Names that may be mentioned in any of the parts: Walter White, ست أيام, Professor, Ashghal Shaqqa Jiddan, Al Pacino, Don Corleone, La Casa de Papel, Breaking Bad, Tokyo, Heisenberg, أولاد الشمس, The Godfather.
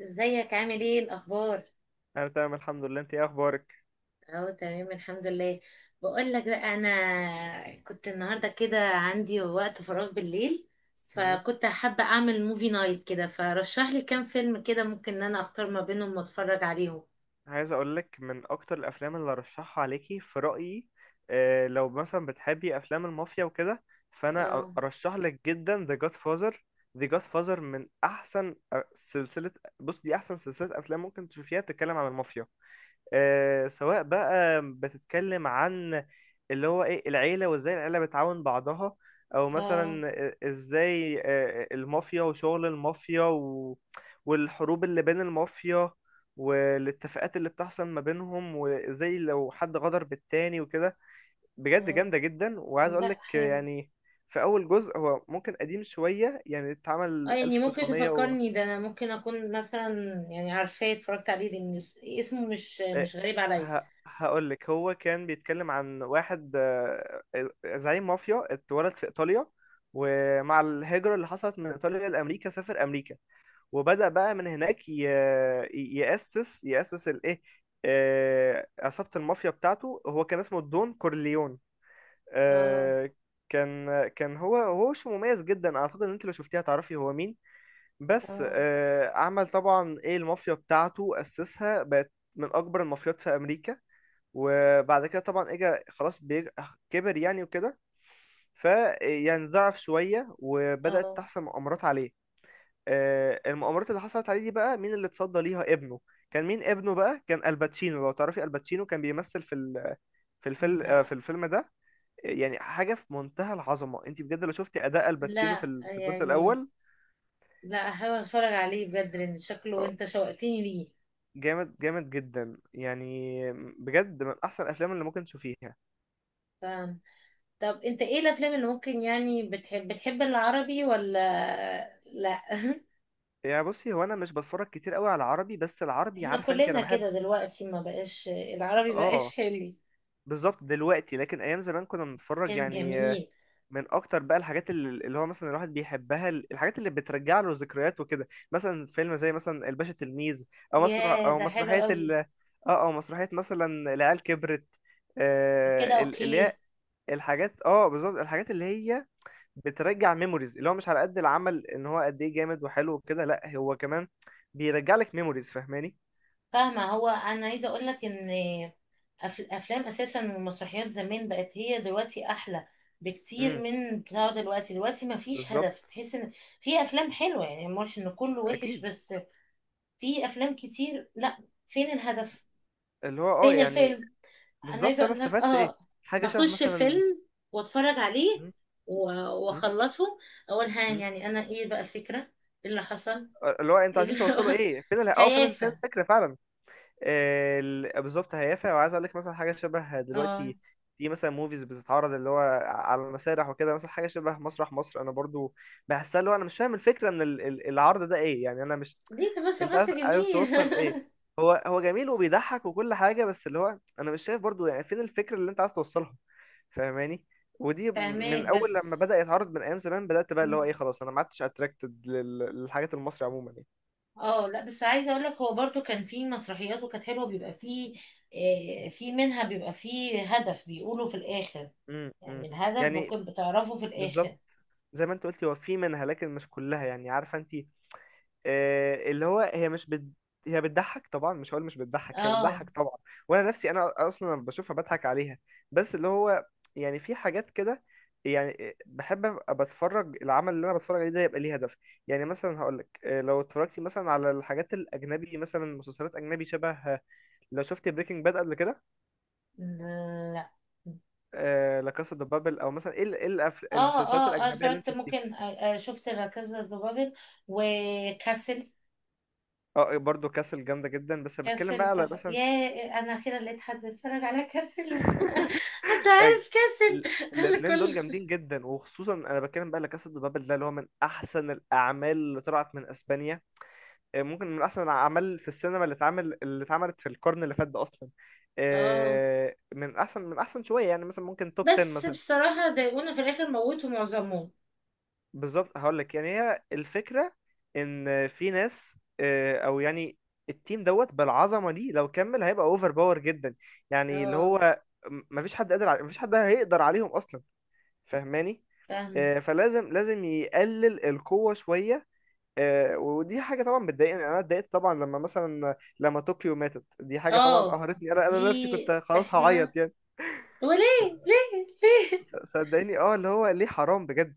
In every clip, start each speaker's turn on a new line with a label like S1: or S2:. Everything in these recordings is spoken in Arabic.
S1: ازيك عامل ايه الاخبار؟
S2: انا تمام الحمد لله، انت ايه اخبارك؟
S1: اهو تمام، الحمد لله. بقول لك بقى، انا كنت النهارده كده عندي وقت فراغ بالليل،
S2: مم.
S1: فكنت حابه اعمل موفي نايت كده، فرشح لي كام فيلم كده ممكن ان انا اختار ما بينهم واتفرج عليهم.
S2: عايز اقول لك من اكتر الافلام اللي ارشحها عليكي في رايي. لو مثلا بتحبي افلام المافيا وكده، فانا
S1: اه.
S2: ارشح لك جدا The Godfather. The Godfather من احسن سلسله. بص، دي احسن سلسله افلام ممكن تشوفيها تتكلم عن المافيا. سواء بقى بتتكلم عن اللي هو ايه العيلة وازاي العيلة بتعاون بعضها، او
S1: اه.
S2: مثلا ازاي المافيا وشغل المافيا والحروب اللي بين المافيا، والاتفاقات اللي بتحصل ما بينهم، وازاي لو حد غدر بالتاني وكده. بجد
S1: اه،
S2: جامدة جدا، وعايز
S1: لا
S2: اقولك
S1: حلو.
S2: يعني في اول جزء هو ممكن قديم شوية، يعني
S1: اه
S2: اتعمل
S1: يعني ممكن
S2: 1900
S1: تفكرني، ده انا ممكن اكون مثلا يعني عارفاه اتفرجت عليه، لان اسمه مش
S2: إيه،
S1: مش غريب عليا.
S2: هقول لك هو كان بيتكلم عن واحد زعيم مافيا اتولد في ايطاليا، ومع الهجرة اللي حصلت من ايطاليا لامريكا سافر امريكا وبدأ بقى من هناك يأسس الايه، عصابة المافيا بتاعته. هو كان اسمه دون كورليون.
S1: اه.
S2: آه، كان هو شو مميز جدا، اعتقد ان انت لو شفتيه هتعرفي هو مين. بس
S1: اه.
S2: عمل طبعا ايه، المافيا بتاعته أسسها، بقت من اكبر المافيات في امريكا. وبعد كده طبعا اجى خلاص كبر يعني وكده، فيعني ضعف شوية وبدأت
S1: اه،
S2: تحصل مؤامرات عليه. المؤامرات اللي حصلت عليه دي بقى مين اللي اتصدى ليها؟ ابنه. كان مين ابنه بقى؟ كان الباتشينو. لو تعرفي، الباتشينو كان بيمثل في في الفيلم،
S1: لا،
S2: في الفيلم ده يعني حاجة في منتهى العظمة. انت بجد لو شفتي أداء الباتشينو في
S1: لا
S2: في الجزء
S1: يعني.
S2: الأول،
S1: لا، هحاول اتفرج عليه بجد لان شكله
S2: آه،
S1: انت شوقتني ليه.
S2: جامد جامد جدا، يعني بجد من أحسن الأفلام اللي ممكن تشوفيها.
S1: ف... طب انت ايه الافلام اللي ممكن يعني بتحب العربي ولا لا؟
S2: يعني بصي، هو انا مش بتفرج كتير قوي على العربي، بس العربي
S1: احنا
S2: عارفه انت انا
S1: كلنا
S2: بحب.
S1: كده دلوقتي، ما بقاش العربي
S2: اه
S1: بقاش حلو.
S2: بالظبط دلوقتي، لكن ايام زمان كنا بنتفرج
S1: كان
S2: يعني.
S1: جميل.
S2: من اكتر بقى الحاجات اللي هو مثلا الواحد بيحبها، الحاجات اللي بترجع له ذكريات وكده، مثلا فيلم زي مثلا الباشا تلميذ، او مسرح
S1: ياه
S2: او
S1: ده حلو
S2: مسرحيه ال
S1: قوي.
S2: اه او مسرحيه مثلا العيال كبرت.
S1: كده
S2: اللي هي
S1: اوكي.
S2: الحاجات، اه بالظبط، الحاجات اللي هي بترجع ميموريز، اللي هو مش على قد العمل ان هو قد ايه جامد وحلو وكده، لا هو كمان بيرجع لك ميموريز. فاهماني؟
S1: فاهمة. هو انا عايزة اقول لك ان افلام اساسا والمسرحيات زمان بقت هي دلوقتي احلى بكتير
S2: امم
S1: من بتاع دلوقتي. دلوقتي ما فيش هدف،
S2: بالظبط.
S1: تحس ان في افلام حلوة، يعني مش ان كله وحش،
S2: اكيد.
S1: بس في افلام كتير لا. فين الهدف؟
S2: اللي هو اه
S1: فين
S2: يعني
S1: الفيلم؟ انا عايزه
S2: بالظبط، انا
S1: اقول لك
S2: استفدت ايه؟
S1: اه،
S2: حاجه شبه
S1: بخش
S2: مثلا
S1: الفيلم واتفرج عليه
S2: م-
S1: و-
S2: م-
S1: واخلصه، اقول ها
S2: م-
S1: يعني انا ايه بقى الفكره، ايه اللي حصل،
S2: اللي هو انتوا
S1: ايه
S2: عايزين
S1: اللي
S2: توصلوا ايه؟ فين اه فين فين
S1: هيافه.
S2: الفكره فعلا. بالظبط هيافع. وعايز اقول لك مثلا حاجه شبه
S1: اه،
S2: دلوقتي، في مثلا موفيز بتتعرض اللي هو على المسارح وكده، مثلا حاجه شبه مسرح مصر. انا برضو بحسها، اللي هو انا مش فاهم الفكره من العرض ده ايه يعني. انا مش...
S1: دي تبص
S2: انت
S1: بس
S2: عايز
S1: جميل.
S2: توصل ايه؟ هو هو جميل وبيضحك وكل حاجه، بس اللي هو انا مش شايف برضو يعني فين الفكره اللي انت عايز توصلها. فاهماني؟ ودي من
S1: فاهماك،
S2: اول لما
S1: بس
S2: بدأ يتعرض من ايام زمان، بدأت بقى اللي هو ايه خلاص، انا ما عدتش اتراكتد للحاجات المصري عموما يعني.
S1: اه لا، بس عايزه اقول لك هو برضو كان في مسرحيات وكانت حلوه، بيبقى فيه في منها بيبقى فيه هدف، بيقولوا في الاخر،
S2: امم
S1: يعني الهدف
S2: يعني
S1: بكون بتعرفه في
S2: بالظبط.
S1: الاخر.
S2: زي ما انت قلتي، هو في منها لكن مش كلها يعني، عارفه انت. اللي هو هي مش بت... هي بتضحك طبعا، مش هقول مش بتضحك، هي
S1: اه.
S2: بتضحك طبعا. وانا نفسي، انا اصلا لما بشوفها بضحك عليها. بس اللي هو يعني في حاجات كده، يعني بحب ابقى بتفرج العمل اللي انا بتفرج عليه ده يبقى ليه هدف. يعني مثلا هقول لك لو اتفرجتي مثلا على الحاجات الاجنبي، مثلا مسلسلات اجنبي شبه لو شفتي بريكنج باد قبل كده.
S1: لا.
S2: لا كاسا دي بابل، او مثلا ايه
S1: اه.
S2: المسلسلات
S1: اه انا
S2: الاجنبيه اللي انت
S1: اتفرجت
S2: شفتيها.
S1: ممكن، شفت لا كازا دي بابل وكاسل.
S2: اه برضه كاسل جامده جدا، بس بتكلم
S1: كاسل
S2: بقى على مثلا...
S1: يا، انا اخيرا لقيت حد اتفرج على كاسل حد عارف كاسل
S2: ال-
S1: انا
S2: الاتنين دول
S1: كل...
S2: جامدين جدا، وخصوصا انا بتكلم بقى لكاسا دي بابل ده، اللي هو من احسن الاعمال اللي طلعت من اسبانيا. ممكن من احسن الاعمال في السينما اللي اتعمل اللي اتعملت في القرن اللي فات ده اصلا.
S1: اه،
S2: من احسن شويه يعني، مثلا ممكن توب 10
S1: بس
S2: مثلا.
S1: بصراحة ضايقونا في الاخر، موتوا معظمهم.
S2: بالظبط. هقول لك يعني هي الفكره، ان في ناس او يعني التيم دوت بالعظمه دي لو كمل هيبقى اوفر باور جدا، يعني اللي
S1: اه.
S2: هو مفيش حد قادر على... مفيش حد هيقدر عليهم اصلا. فاهماني؟
S1: فاهمة.
S2: فلازم يقلل القوة شوية. ودي حاجة طبعا بتضايقني، أنا اتضايقت طبعا لما مثلا لما طوكيو ماتت، دي حاجة طبعا
S1: اه.
S2: قهرتني، أنا نفسي
S1: دي
S2: كنت خلاص هعيط
S1: احنا.
S2: يعني. ف-
S1: وليه؟ ليه؟ ليه؟
S2: صدقني اه، اللي هو ليه؟ حرام بجد.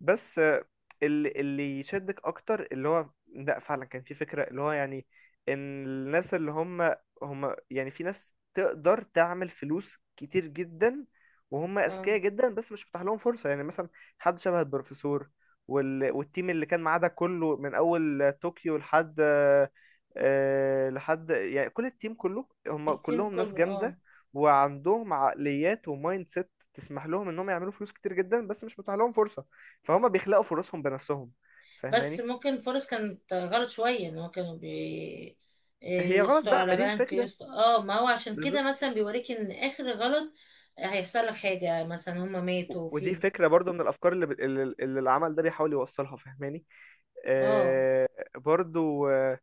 S2: بس اللي يشدك اكتر اللي هو لا، فعلا كان في فكرة، اللي هو يعني ان الناس اللي هم هم يعني، في ناس تقدر تعمل فلوس كتير جدا وهم
S1: اه.
S2: اذكياء جدا بس مش متاح لهم فرصة. يعني مثلا حد شبه البروفيسور والتيم اللي كان معاه ده كله، من اول طوكيو لحد لحد يعني، كل التيم كله هم
S1: التيم
S2: كلهم ناس
S1: كله اه.
S2: جامدة. وعندهم عقليات ومايند سيت تسمح لهم انهم يعملوا فلوس كتير جدا بس مش متاح لهم فرصة، فهم بيخلقوا فرصهم بنفسهم.
S1: بس
S2: فاهماني؟
S1: ممكن الفرص كانت غلط شوية، ان هو كانوا
S2: هي غلط
S1: يسطوا
S2: بقى، ما
S1: على
S2: دي
S1: بنك،
S2: الفكرة.
S1: يسطوا اه ما هو عشان كده
S2: بالظبط.
S1: مثلا بيوريك ان اخر غلط هيحصل لك حاجة، مثلا هما ماتوا
S2: ودي
S1: في...
S2: فكرة برضو من الأفكار اللي العمل ده بيحاول يوصلها. فاهماني؟
S1: اه.
S2: آه برضو آه.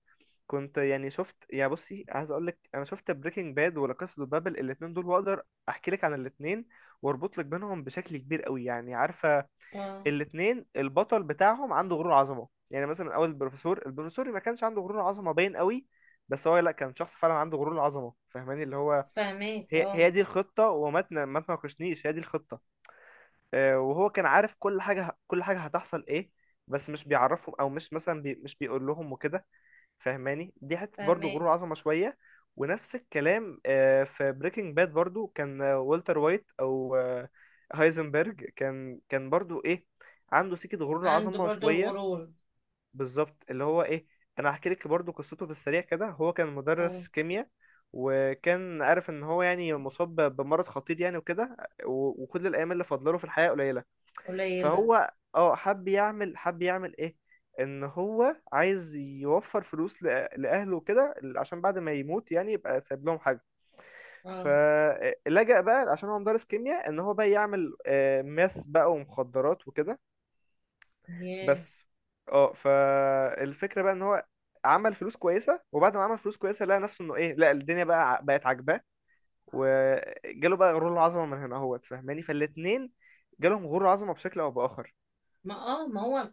S2: كنت يعني شفت يعني. بصي عايز أقول لك، أنا شفت بريكنج باد ولا قصة بابل الاتنين دول، وأقدر أحكي لك عن الاتنين وأربط لك بينهم بشكل كبير قوي. يعني عارفة،
S1: اه،
S2: الاتنين البطل بتاعهم عنده غرور عظمة. يعني مثلا أول البروفيسور، ما كانش عنده غرور عظمة باين قوي، بس هو لا، كان شخص فعلا عنده غرور عظمة. فاهماني؟ اللي هو
S1: فاهمك.
S2: هي
S1: اه،
S2: هي دي الخطة وما ما تناقشنيش، هي دي الخطة. وهو كان عارف كل حاجة، كل حاجة هتحصل ايه، بس مش بيعرفهم، او مش مثلا مش بيقول لهم وكده. فاهماني؟ دي حتة برضو
S1: فاهمك.
S2: غرور عظمة شوية. ونفس الكلام في بريكنج باد برضو كان والتر وايت، او هايزنبرج، كان برضو ايه، عنده سكة غرور
S1: عنده
S2: عظمة
S1: برضو
S2: شوية.
S1: الغرور.
S2: بالظبط. اللي هو ايه، انا هحكي لك برضو قصته في السريع كده. هو كان
S1: اه.
S2: مدرس كيمياء، وكان عارف ان هو يعني مصاب بمرض خطير يعني وكده. وكل الايام اللي فاضله له في الحياه قليله،
S1: قليلة.
S2: فهو اه حب يعمل ايه، ان هو عايز يوفر فلوس لاهله وكده، عشان بعد ما يموت يعني يبقى سايب لهم حاجه.
S1: اه.
S2: فلجأ بقى، عشان هو مدرس كيمياء، ان هو بقى يعمل ماث بقى ومخدرات وكده
S1: ياه.
S2: بس. اه فالفكره بقى ان هو عمل فلوس كويسه، وبعد ما عمل فلوس كويسه لقى نفسه انه ايه، لا الدنيا بقى بقت عاجباه، وجاله بقى غرور العظمه من هنا اهوت. فاهماني؟ فالاتنين جالهم غرور عظمه بشكل او باخر.
S1: ما هو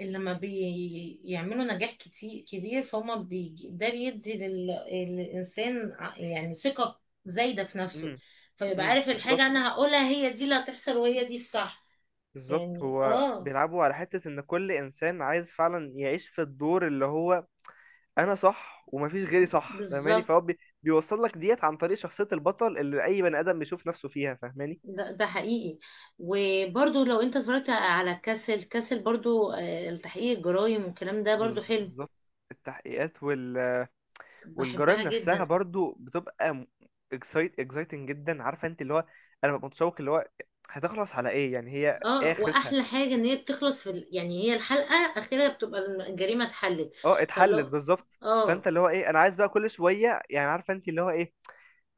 S1: اللي لما بيعملوا نجاح كتير كبير، فهم بيجي ده بيدي للإنسان يعني ثقة زايدة في نفسه،
S2: امم.
S1: فيبقى
S2: امم
S1: عارف
S2: بالظبط
S1: الحاجة أنا هقولها هي دي اللي هتحصل وهي دي الصح.
S2: بالظبط.
S1: يعني
S2: هو
S1: اه.
S2: بيلعبوا على حته ان كل انسان عايز فعلا يعيش في الدور اللي هو، انا صح ومفيش غيري صح. فاهماني؟
S1: بالظبط.
S2: فهو بيوصل لك ديت عن طريق شخصيه البطل اللي اي بني ادم بيشوف نفسه فيها. فاهماني؟
S1: ده حقيقي. وبرضو لو انت اتفرجت على كاسل، كاسل برضو التحقيق الجرايم والكلام ده برضو حلو.
S2: بالظبط. التحقيقات والجرائم
S1: بحبها
S2: نفسها
S1: جدا.
S2: برضو بتبقى اكسايتنج جدا. عارفه انت اللي هو انا ببقى متشوق، اللي هو هتخلص على ايه يعني، هي ايه
S1: اه،
S2: اخرتها.
S1: واحلى حاجة ان هي بتخلص في يعني هي الحلقة اخرها بتبقى الجريمة اتحلت.
S2: اه اتحلت،
S1: فلو...
S2: بالظبط. فانت
S1: اه.
S2: اللي هو ايه، انا عايز بقى كل شويه، يعني عارفه انت اللي هو ايه،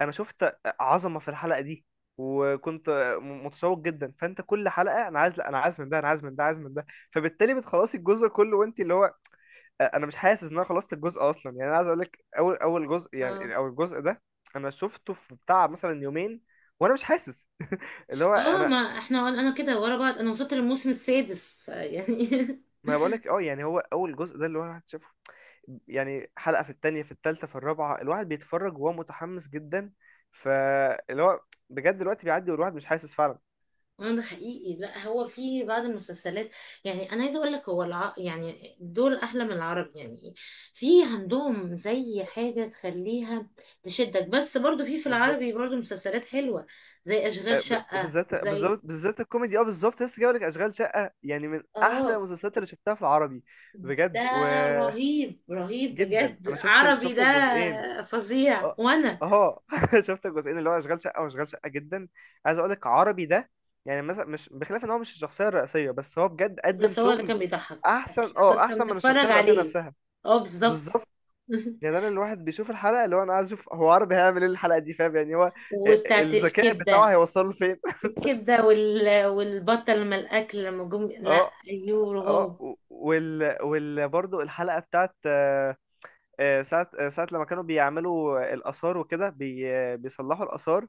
S2: انا شفت عظمه في الحلقه دي وكنت متشوق جدا. فانت كل حلقه انا عايز لا، انا عايز من ده، انا عايز من ده، عايز من ده. فبالتالي بتخلصي الجزء كله وانت اللي هو انا مش حاسس ان انا خلصت الجزء اصلا. يعني انا عايز اقول لك اول جزء
S1: اه.
S2: يعني، او الجزء ده انا شفته في بتاع مثلا يومين، وانا مش حاسس اللي هو
S1: اه، ما
S2: انا...
S1: احنا انا كده ورا بعض، انا وصلت للموسم السادس فيعني
S2: ما بقول لك، اه يعني هو اول جزء ده، اللي هو الواحد شافه يعني، حلقة في التانية في التالتة في الرابعة، الواحد بيتفرج وهو متحمس جدا. فاللي هو بجد الوقت بيعدي والواحد مش حاسس فعلا.
S1: اه، ده حقيقي. لا هو في بعض المسلسلات يعني، انا عايزه اقول لك هو يعني دول احلى من العرب يعني، في عندهم زي حاجه تخليها تشدك، بس برضو في
S2: بالظبط.
S1: العربي برضو مسلسلات حلوه، زي اشغال شقه،
S2: وبالذات
S1: زي...
S2: بالظبط، بالذات الكوميدي. اه بالظبط. لسه جايب لك اشغال شقه، يعني من احلى
S1: اه،
S2: المسلسلات اللي شفتها في العربي،
S1: ده
S2: بجد.
S1: رهيب رهيب
S2: وجدا،
S1: بجد،
S2: انا شفت
S1: عربي
S2: شفت
S1: ده
S2: الجزئين.
S1: فظيع.
S2: اه
S1: وانا...
S2: اه شفت الجزئين اللي هو اشغال شقه واشغال شقه جدا. عايز اقول لك عربي ده يعني مثلا، مش بخلاف ان هو مش الشخصيه الرئيسيه، بس هو بجد قدم
S1: بس هو اللي
S2: شغل
S1: كان بيضحك
S2: احسن،
S1: احنا
S2: اه
S1: كنا
S2: احسن من الشخصيه
S1: بنتفرج
S2: الرئيسيه
S1: عليه.
S2: نفسها.
S1: اه بالظبط.
S2: بالظبط. يعني انا الواحد بيشوف الحلقه اللي هو انا عايز اشوف هو عربي هيعمل ايه الحلقه دي، فاهم يعني هو
S1: وبتاعت
S2: الذكاء بتاعه
S1: الكبدة،
S2: هيوصله لفين.
S1: الكبدة والبطة لما الأكل لما جم. لا.
S2: اه.
S1: أيوه،
S2: اه
S1: هو
S2: وال برضه الحلقه بتاعت ساعة ساعة لما كانوا بيعملوا الآثار وكده، بيصلحوا الآثار،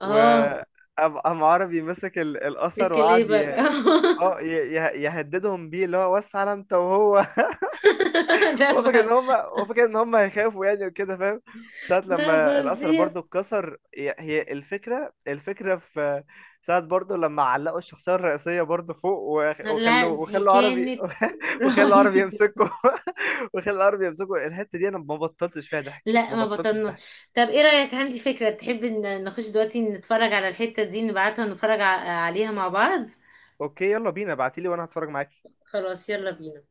S1: اه
S2: وقام عربي مسك الأثر وقعد
S1: الكليبر.
S2: اه يهددهم بيه، اللي هو وسع على انت وهو.
S1: ده
S2: هو فاكر ان هم هيخافوا يعني وكده، فاهم؟ ساعة
S1: لا
S2: لما الأثر
S1: فظيع.
S2: برضو اتكسر، هي الفكرة. الفكرة في ساعة برضو لما علقوا الشخصية الرئيسية برضو فوق
S1: لا
S2: وخلوه،
S1: دي
S2: وخلوا عربي
S1: كانت
S2: وخلوا عربي
S1: رهيب.
S2: يمسكه وخلوا عربي يمسكه. الحتة دي أنا ما بطلتش فيها ضحك،
S1: لا
S2: ما
S1: ما
S2: بطلتش
S1: بطلناش.
S2: ضحك.
S1: طب ايه رأيك؟ عندي فكرة، تحب ان نخش دلوقتي نتفرج على الحتة دي، نبعتها ونتفرج عليها مع بعض.
S2: أوكي، يلا بينا، ابعتيلي وأنا هتفرج معاكي.
S1: خلاص، يلا بينا.